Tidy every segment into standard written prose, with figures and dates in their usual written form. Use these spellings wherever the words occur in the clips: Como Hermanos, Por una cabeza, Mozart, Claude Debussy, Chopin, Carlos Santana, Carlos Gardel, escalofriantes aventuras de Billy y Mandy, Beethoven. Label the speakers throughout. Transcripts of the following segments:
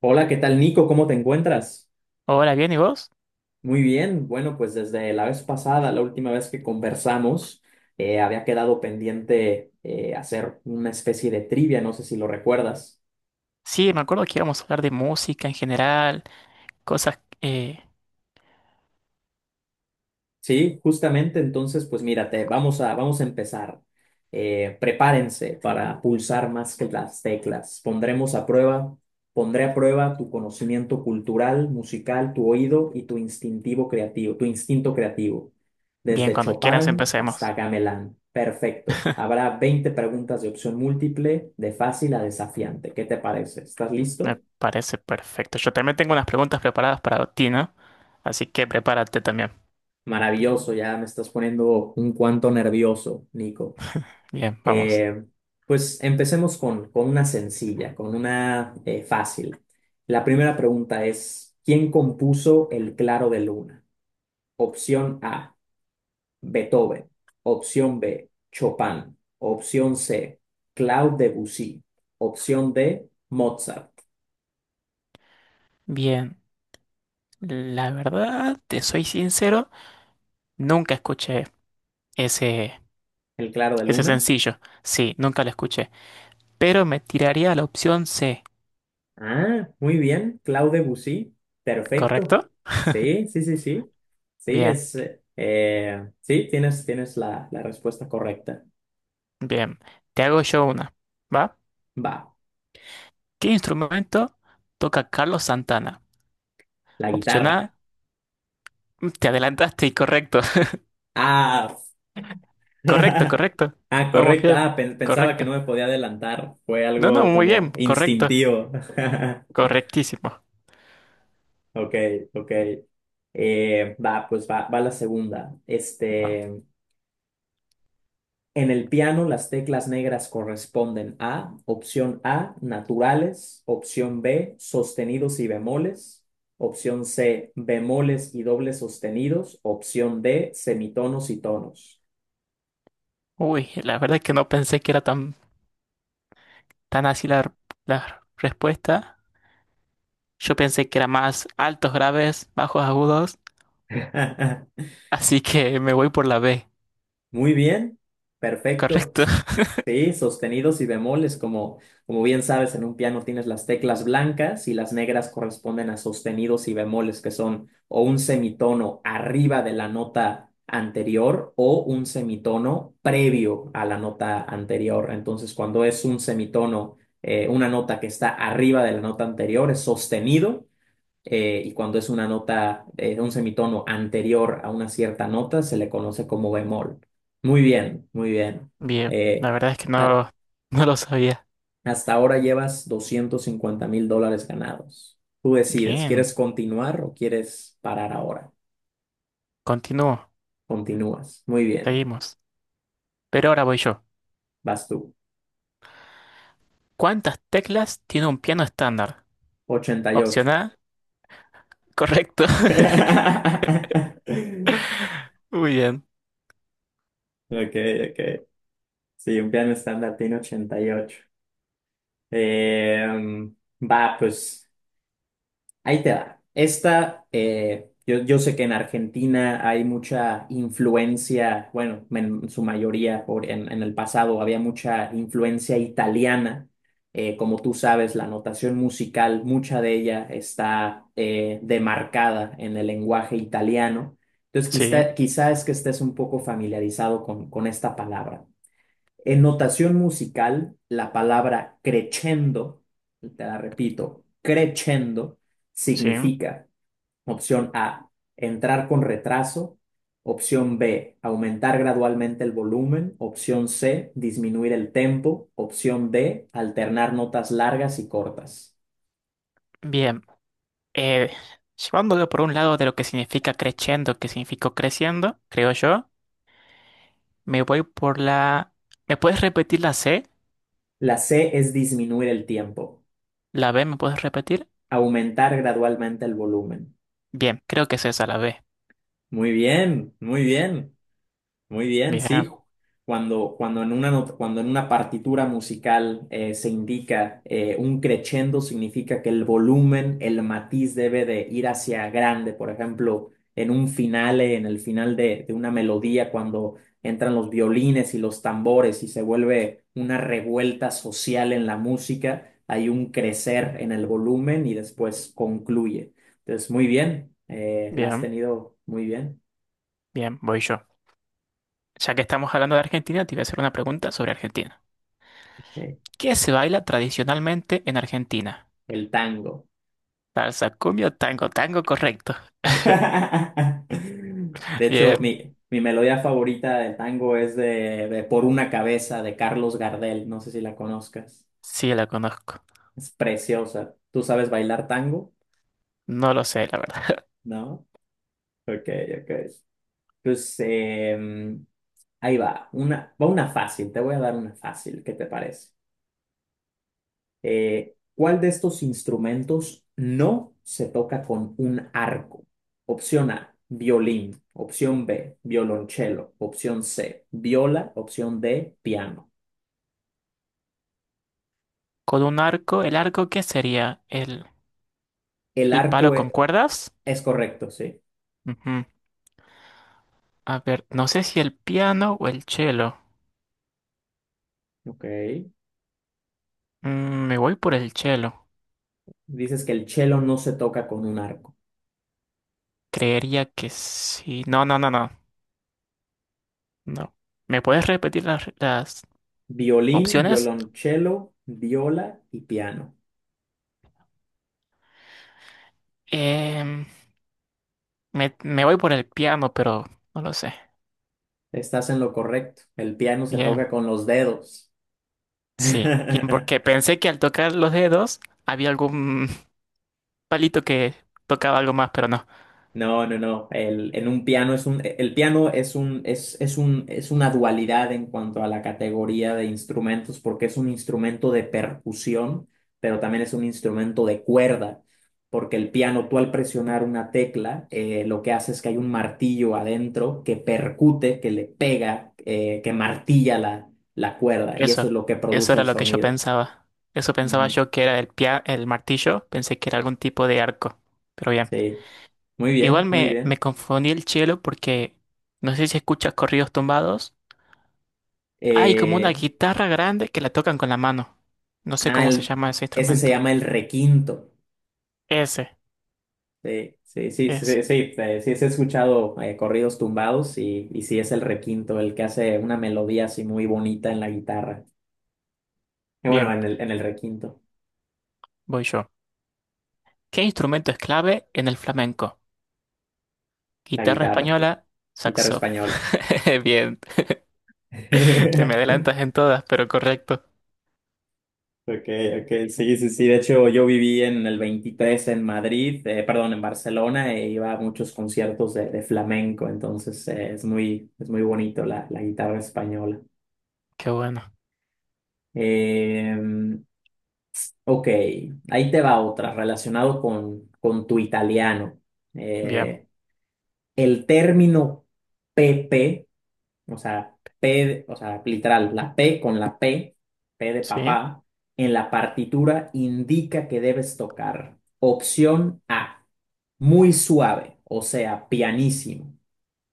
Speaker 1: Hola, ¿qué tal, Nico? ¿Cómo te encuentras?
Speaker 2: Hola, bien, ¿y vos?
Speaker 1: Muy bien. Bueno, pues desde la vez pasada, la última vez que conversamos, había quedado pendiente hacer una especie de trivia, no sé si lo recuerdas.
Speaker 2: Sí, me acuerdo que íbamos a hablar de música en general, cosas... eh,
Speaker 1: Sí, justamente, entonces, pues mírate, vamos a empezar. Prepárense para pulsar más que las teclas. Pondré a prueba tu conocimiento cultural, musical, tu oído y tu instinto creativo,
Speaker 2: Bien,
Speaker 1: desde
Speaker 2: cuando quieras
Speaker 1: Chopin hasta
Speaker 2: empecemos.
Speaker 1: Gamelán. Perfecto. Habrá 20 preguntas de opción múltiple, de fácil a desafiante. ¿Qué te parece? ¿Estás
Speaker 2: Me
Speaker 1: listo?
Speaker 2: parece perfecto. Yo también tengo unas preguntas preparadas para ti, ¿no? Así que prepárate también.
Speaker 1: Maravilloso, ya me estás poniendo un cuanto nervioso, Nico.
Speaker 2: Bien, vamos.
Speaker 1: Eh, pues empecemos con una sencilla, con una fácil. La primera pregunta es, ¿quién compuso El Claro de Luna? Opción A, Beethoven. Opción B, Chopin. Opción C, Claude Debussy. Opción D, Mozart.
Speaker 2: Bien, la verdad, te soy sincero, nunca escuché ese,
Speaker 1: ¿El Claro de
Speaker 2: ese
Speaker 1: Luna?
Speaker 2: sencillo. Sí, nunca lo escuché. Pero me tiraría a la opción C,
Speaker 1: Ah, muy bien, Claude Debussy. Perfecto.
Speaker 2: ¿correcto?
Speaker 1: Sí, sí, sí, sí. Sí,
Speaker 2: Bien,
Speaker 1: es, eh, sí, tienes la respuesta correcta.
Speaker 2: bien. Te hago yo una. ¿Va?
Speaker 1: Va.
Speaker 2: ¿Qué instrumento toca Carlos Santana?
Speaker 1: La
Speaker 2: Opción
Speaker 1: guitarra.
Speaker 2: A, te adelantaste y correcto.
Speaker 1: Ah,
Speaker 2: Correcto, correcto.
Speaker 1: ah,
Speaker 2: Vamos
Speaker 1: correcto.
Speaker 2: bien,
Speaker 1: Ah, pensaba que
Speaker 2: correcto.
Speaker 1: no me podía adelantar. Fue
Speaker 2: No, no,
Speaker 1: algo
Speaker 2: muy
Speaker 1: como
Speaker 2: bien, correcto.
Speaker 1: instintivo.
Speaker 2: Correctísimo.
Speaker 1: Ok, ok. Va la segunda.
Speaker 2: No.
Speaker 1: Este, en el piano las teclas negras corresponden a opción A, naturales, opción B, sostenidos y bemoles, opción C, bemoles y dobles sostenidos, opción D, semitonos y tonos.
Speaker 2: Uy, la verdad es que no pensé que era tan, tan así la, la respuesta. Yo pensé que era más altos graves, bajos agudos, así que me voy por la B.
Speaker 1: Muy bien, perfecto.
Speaker 2: Correcto.
Speaker 1: Sí, sostenidos y bemoles, como bien sabes, en un piano tienes las teclas blancas y las negras corresponden a sostenidos y bemoles, que son o un semitono arriba de la nota anterior o un semitono previo a la nota anterior. Entonces, cuando es un semitono, una nota que está arriba de la nota anterior es sostenido y cuando es una nota, un semitono anterior a una cierta nota, se le conoce como bemol. Muy bien, muy bien.
Speaker 2: Bien, la
Speaker 1: Eh,
Speaker 2: verdad es que
Speaker 1: a-
Speaker 2: no, no lo sabía.
Speaker 1: hasta ahora llevas $250,000 ganados. Tú decides,
Speaker 2: Bien,
Speaker 1: ¿quieres continuar o quieres parar ahora?
Speaker 2: continúo,
Speaker 1: Continúas. Muy bien,
Speaker 2: seguimos. Pero ahora voy yo.
Speaker 1: vas tú.
Speaker 2: ¿Cuántas teclas tiene un piano estándar?
Speaker 1: 88.
Speaker 2: Opción A, correcto. Muy bien.
Speaker 1: Ok, ok. Sí, un piano estándar tiene 88. Eh, va, pues. Ahí te da. Yo sé que en Argentina hay mucha influencia, bueno, en su mayoría, en el pasado había mucha influencia italiana. Como tú sabes, la notación musical, mucha de ella está demarcada en el lenguaje italiano. Entonces,
Speaker 2: Sí,
Speaker 1: quizá es que estés un poco familiarizado con esta palabra. En notación musical, la palabra crescendo, te la repito, crescendo
Speaker 2: sí.
Speaker 1: significa opción A, entrar con retraso, opción B, aumentar gradualmente el volumen, opción C, disminuir el tempo, opción D, alternar notas largas y cortas.
Speaker 2: Bien. Eh, Llevándolo por un lado de lo que significa crescendo, que significó creciendo, creo yo, me voy por la... ¿Me puedes repetir la C?
Speaker 1: La C es disminuir el tiempo,
Speaker 2: ¿La B me puedes repetir?
Speaker 1: aumentar gradualmente el volumen.
Speaker 2: Bien, creo que es esa la B.
Speaker 1: Muy bien, muy bien. Muy bien, sí.
Speaker 2: Bien,
Speaker 1: Cuando en una, not- cuando en una partitura musical se indica un crescendo, significa que el volumen, el matiz debe de ir hacia grande. Por ejemplo, en un finale, en el final de una melodía, cuando entran los violines y los tambores y se vuelve una revuelta social en la música, hay un crecer en el volumen y después concluye. Entonces, muy bien, la has
Speaker 2: bien,
Speaker 1: tenido muy bien.
Speaker 2: bien, voy yo. Ya que estamos hablando de Argentina, te voy a hacer una pregunta sobre Argentina.
Speaker 1: Ok.
Speaker 2: ¿Qué se baila tradicionalmente en Argentina?
Speaker 1: El tango.
Speaker 2: Salsa, cumbia, tango, tango, correcto.
Speaker 1: De hecho,
Speaker 2: Bien,
Speaker 1: mi melodía favorita del tango es de Por una cabeza de Carlos Gardel. No sé si la conozcas.
Speaker 2: sí la conozco.
Speaker 1: Es preciosa. ¿Tú sabes bailar tango?
Speaker 2: No lo sé, la verdad.
Speaker 1: ¿No? Ok, ok. Pues em, ahí va. Va una fácil. Te voy a dar una fácil. ¿Qué te parece? ¿Cuál de estos instrumentos no se toca con un arco? Opción A, violín. Opción B, violonchelo. Opción C, viola. Opción D, piano.
Speaker 2: Con un arco, ¿el arco qué sería? ¿El
Speaker 1: El
Speaker 2: ¿El palo
Speaker 1: arco
Speaker 2: con
Speaker 1: e-
Speaker 2: cuerdas?
Speaker 1: es, correcto, sí.
Speaker 2: Ujú. A ver, no sé si el piano o el cello.
Speaker 1: Ok.
Speaker 2: Me voy por el cello.
Speaker 1: Dices que el chelo no se toca con un arco.
Speaker 2: Creería que sí. No, no, no, no. No. ¿Me puedes repetir las
Speaker 1: Violín,
Speaker 2: opciones?
Speaker 1: violonchelo, viola y piano.
Speaker 2: Em, Me, me voy por el piano, pero no lo sé.
Speaker 1: Estás en lo correcto. El piano se toca
Speaker 2: Bien,
Speaker 1: con los dedos.
Speaker 2: sí. Bien, porque pensé que al tocar los dedos había algún palito que tocaba algo más, pero no.
Speaker 1: No, no, no. El piano es una dualidad en cuanto a la categoría de instrumentos, porque es un instrumento de percusión, pero también es un instrumento de cuerda, porque el piano, tú al presionar una tecla, lo que hace es que hay un martillo adentro que percute, que le pega, que martilla la cuerda, y eso
Speaker 2: Eso,
Speaker 1: es lo que
Speaker 2: eso
Speaker 1: produce
Speaker 2: era
Speaker 1: el
Speaker 2: lo que yo
Speaker 1: sonido.
Speaker 2: pensaba. Eso pensaba
Speaker 1: Ujú.
Speaker 2: yo que era el pia- el martillo, pensé que era algún tipo de arco. Pero bien,
Speaker 1: Sí, muy bien,
Speaker 2: igual
Speaker 1: muy
Speaker 2: me, me
Speaker 1: bien.
Speaker 2: confundí el cielo porque no sé si escuchas corridos tumbados. Hay como una
Speaker 1: Eh,
Speaker 2: guitarra grande que la tocan con la mano. No sé
Speaker 1: ah,
Speaker 2: cómo se
Speaker 1: el-
Speaker 2: llama ese
Speaker 1: ese se
Speaker 2: instrumento.
Speaker 1: llama el requinto.
Speaker 2: Ese,
Speaker 1: Sí, sí, sí, sí,
Speaker 2: ese.
Speaker 1: sí, sí, eh, sí, sí he escuchado corridos tumbados y sí es el requinto el que hace una melodía así muy bonita en la guitarra. Bueno,
Speaker 2: Bien,
Speaker 1: en el requinto,
Speaker 2: voy yo. ¿Qué instrumento es clave en el flamenco?
Speaker 1: la
Speaker 2: Guitarra
Speaker 1: guitarra,
Speaker 2: española,
Speaker 1: guitarra
Speaker 2: saxof.
Speaker 1: española.
Speaker 2: Bien, te me adelantas en todas, pero correcto.
Speaker 1: Ok, ok, sí, sí, sí. De hecho, yo viví en el 23 en Madrid, perdón, en Barcelona, e iba a muchos conciertos de flamenco, entonces es muy bonito la guitarra española.
Speaker 2: Qué bueno.
Speaker 1: Eh, Ok, ahí te va otra relacionado con tu italiano.
Speaker 2: Bien,
Speaker 1: Eh, el término PP, o sea, P, o sea, literal, la P con la P, P de
Speaker 2: sí.
Speaker 1: papá, en la partitura indica que debes tocar. Opción A, muy suave, o sea, pianísimo.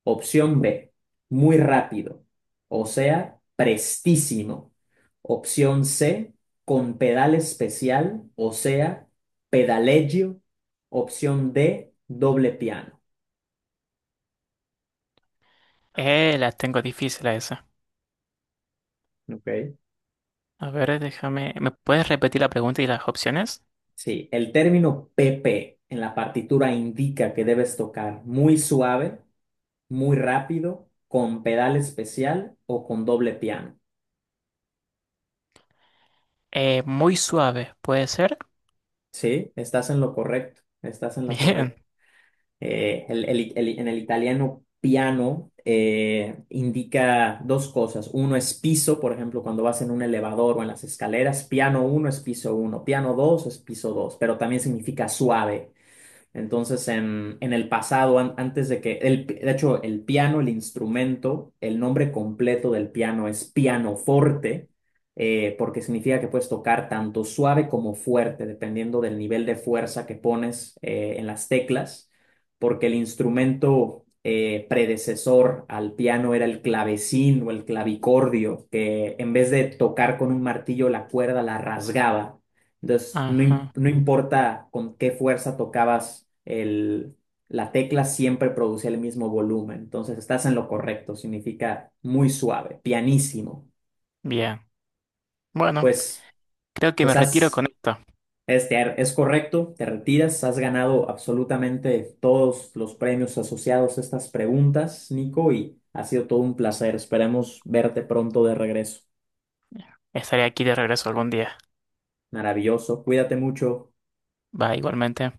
Speaker 1: Opción B, muy rápido, o sea, prestísimo. Opción C, con pedal especial, o sea, pedaleggio. Opción D, doble piano.
Speaker 2: Las tengo difíciles esas.
Speaker 1: Ok.
Speaker 2: A ver, déjame. ¿Me puedes repetir la pregunta y las opciones?
Speaker 1: Sí, el término PP en la partitura indica que debes tocar muy suave, muy rápido, con pedal especial o con doble piano.
Speaker 2: Muy suave, ¿puede ser?
Speaker 1: Sí, estás en lo correcto, estás en lo
Speaker 2: Bien.
Speaker 1: correcto. El- en el italiano piano indica dos cosas. Uno es piso, por ejemplo, cuando vas en un elevador o en las escaleras, piano uno es piso uno, piano 2 es piso dos, pero también significa suave. Entonces, en el pasado, antes de que, el, de hecho, el piano, el instrumento, el nombre completo del piano es pianoforte, porque significa que puedes tocar tanto suave como fuerte, dependiendo del nivel de fuerza que pones en las teclas, porque el instrumento predecesor al piano era el clavecín o el clavicordio, que en vez de tocar con un martillo la cuerda, la rasgaba entonces,
Speaker 2: Ajá.
Speaker 1: no importa con qué fuerza tocabas la tecla, siempre producía el mismo volumen. Entonces, estás en lo correcto, significa muy suave, pianísimo.
Speaker 2: Bien. Bueno,
Speaker 1: Pues,
Speaker 2: creo que me
Speaker 1: pues
Speaker 2: retiro con
Speaker 1: has,
Speaker 2: esto.
Speaker 1: es correcto, te retiras, has ganado absolutamente todos los premios asociados a estas preguntas, Nico, y ha sido todo un placer. Esperemos verte pronto de regreso.
Speaker 2: Estaré aquí de regreso algún día.
Speaker 1: Maravilloso, cuídate mucho.
Speaker 2: Va, igualmente.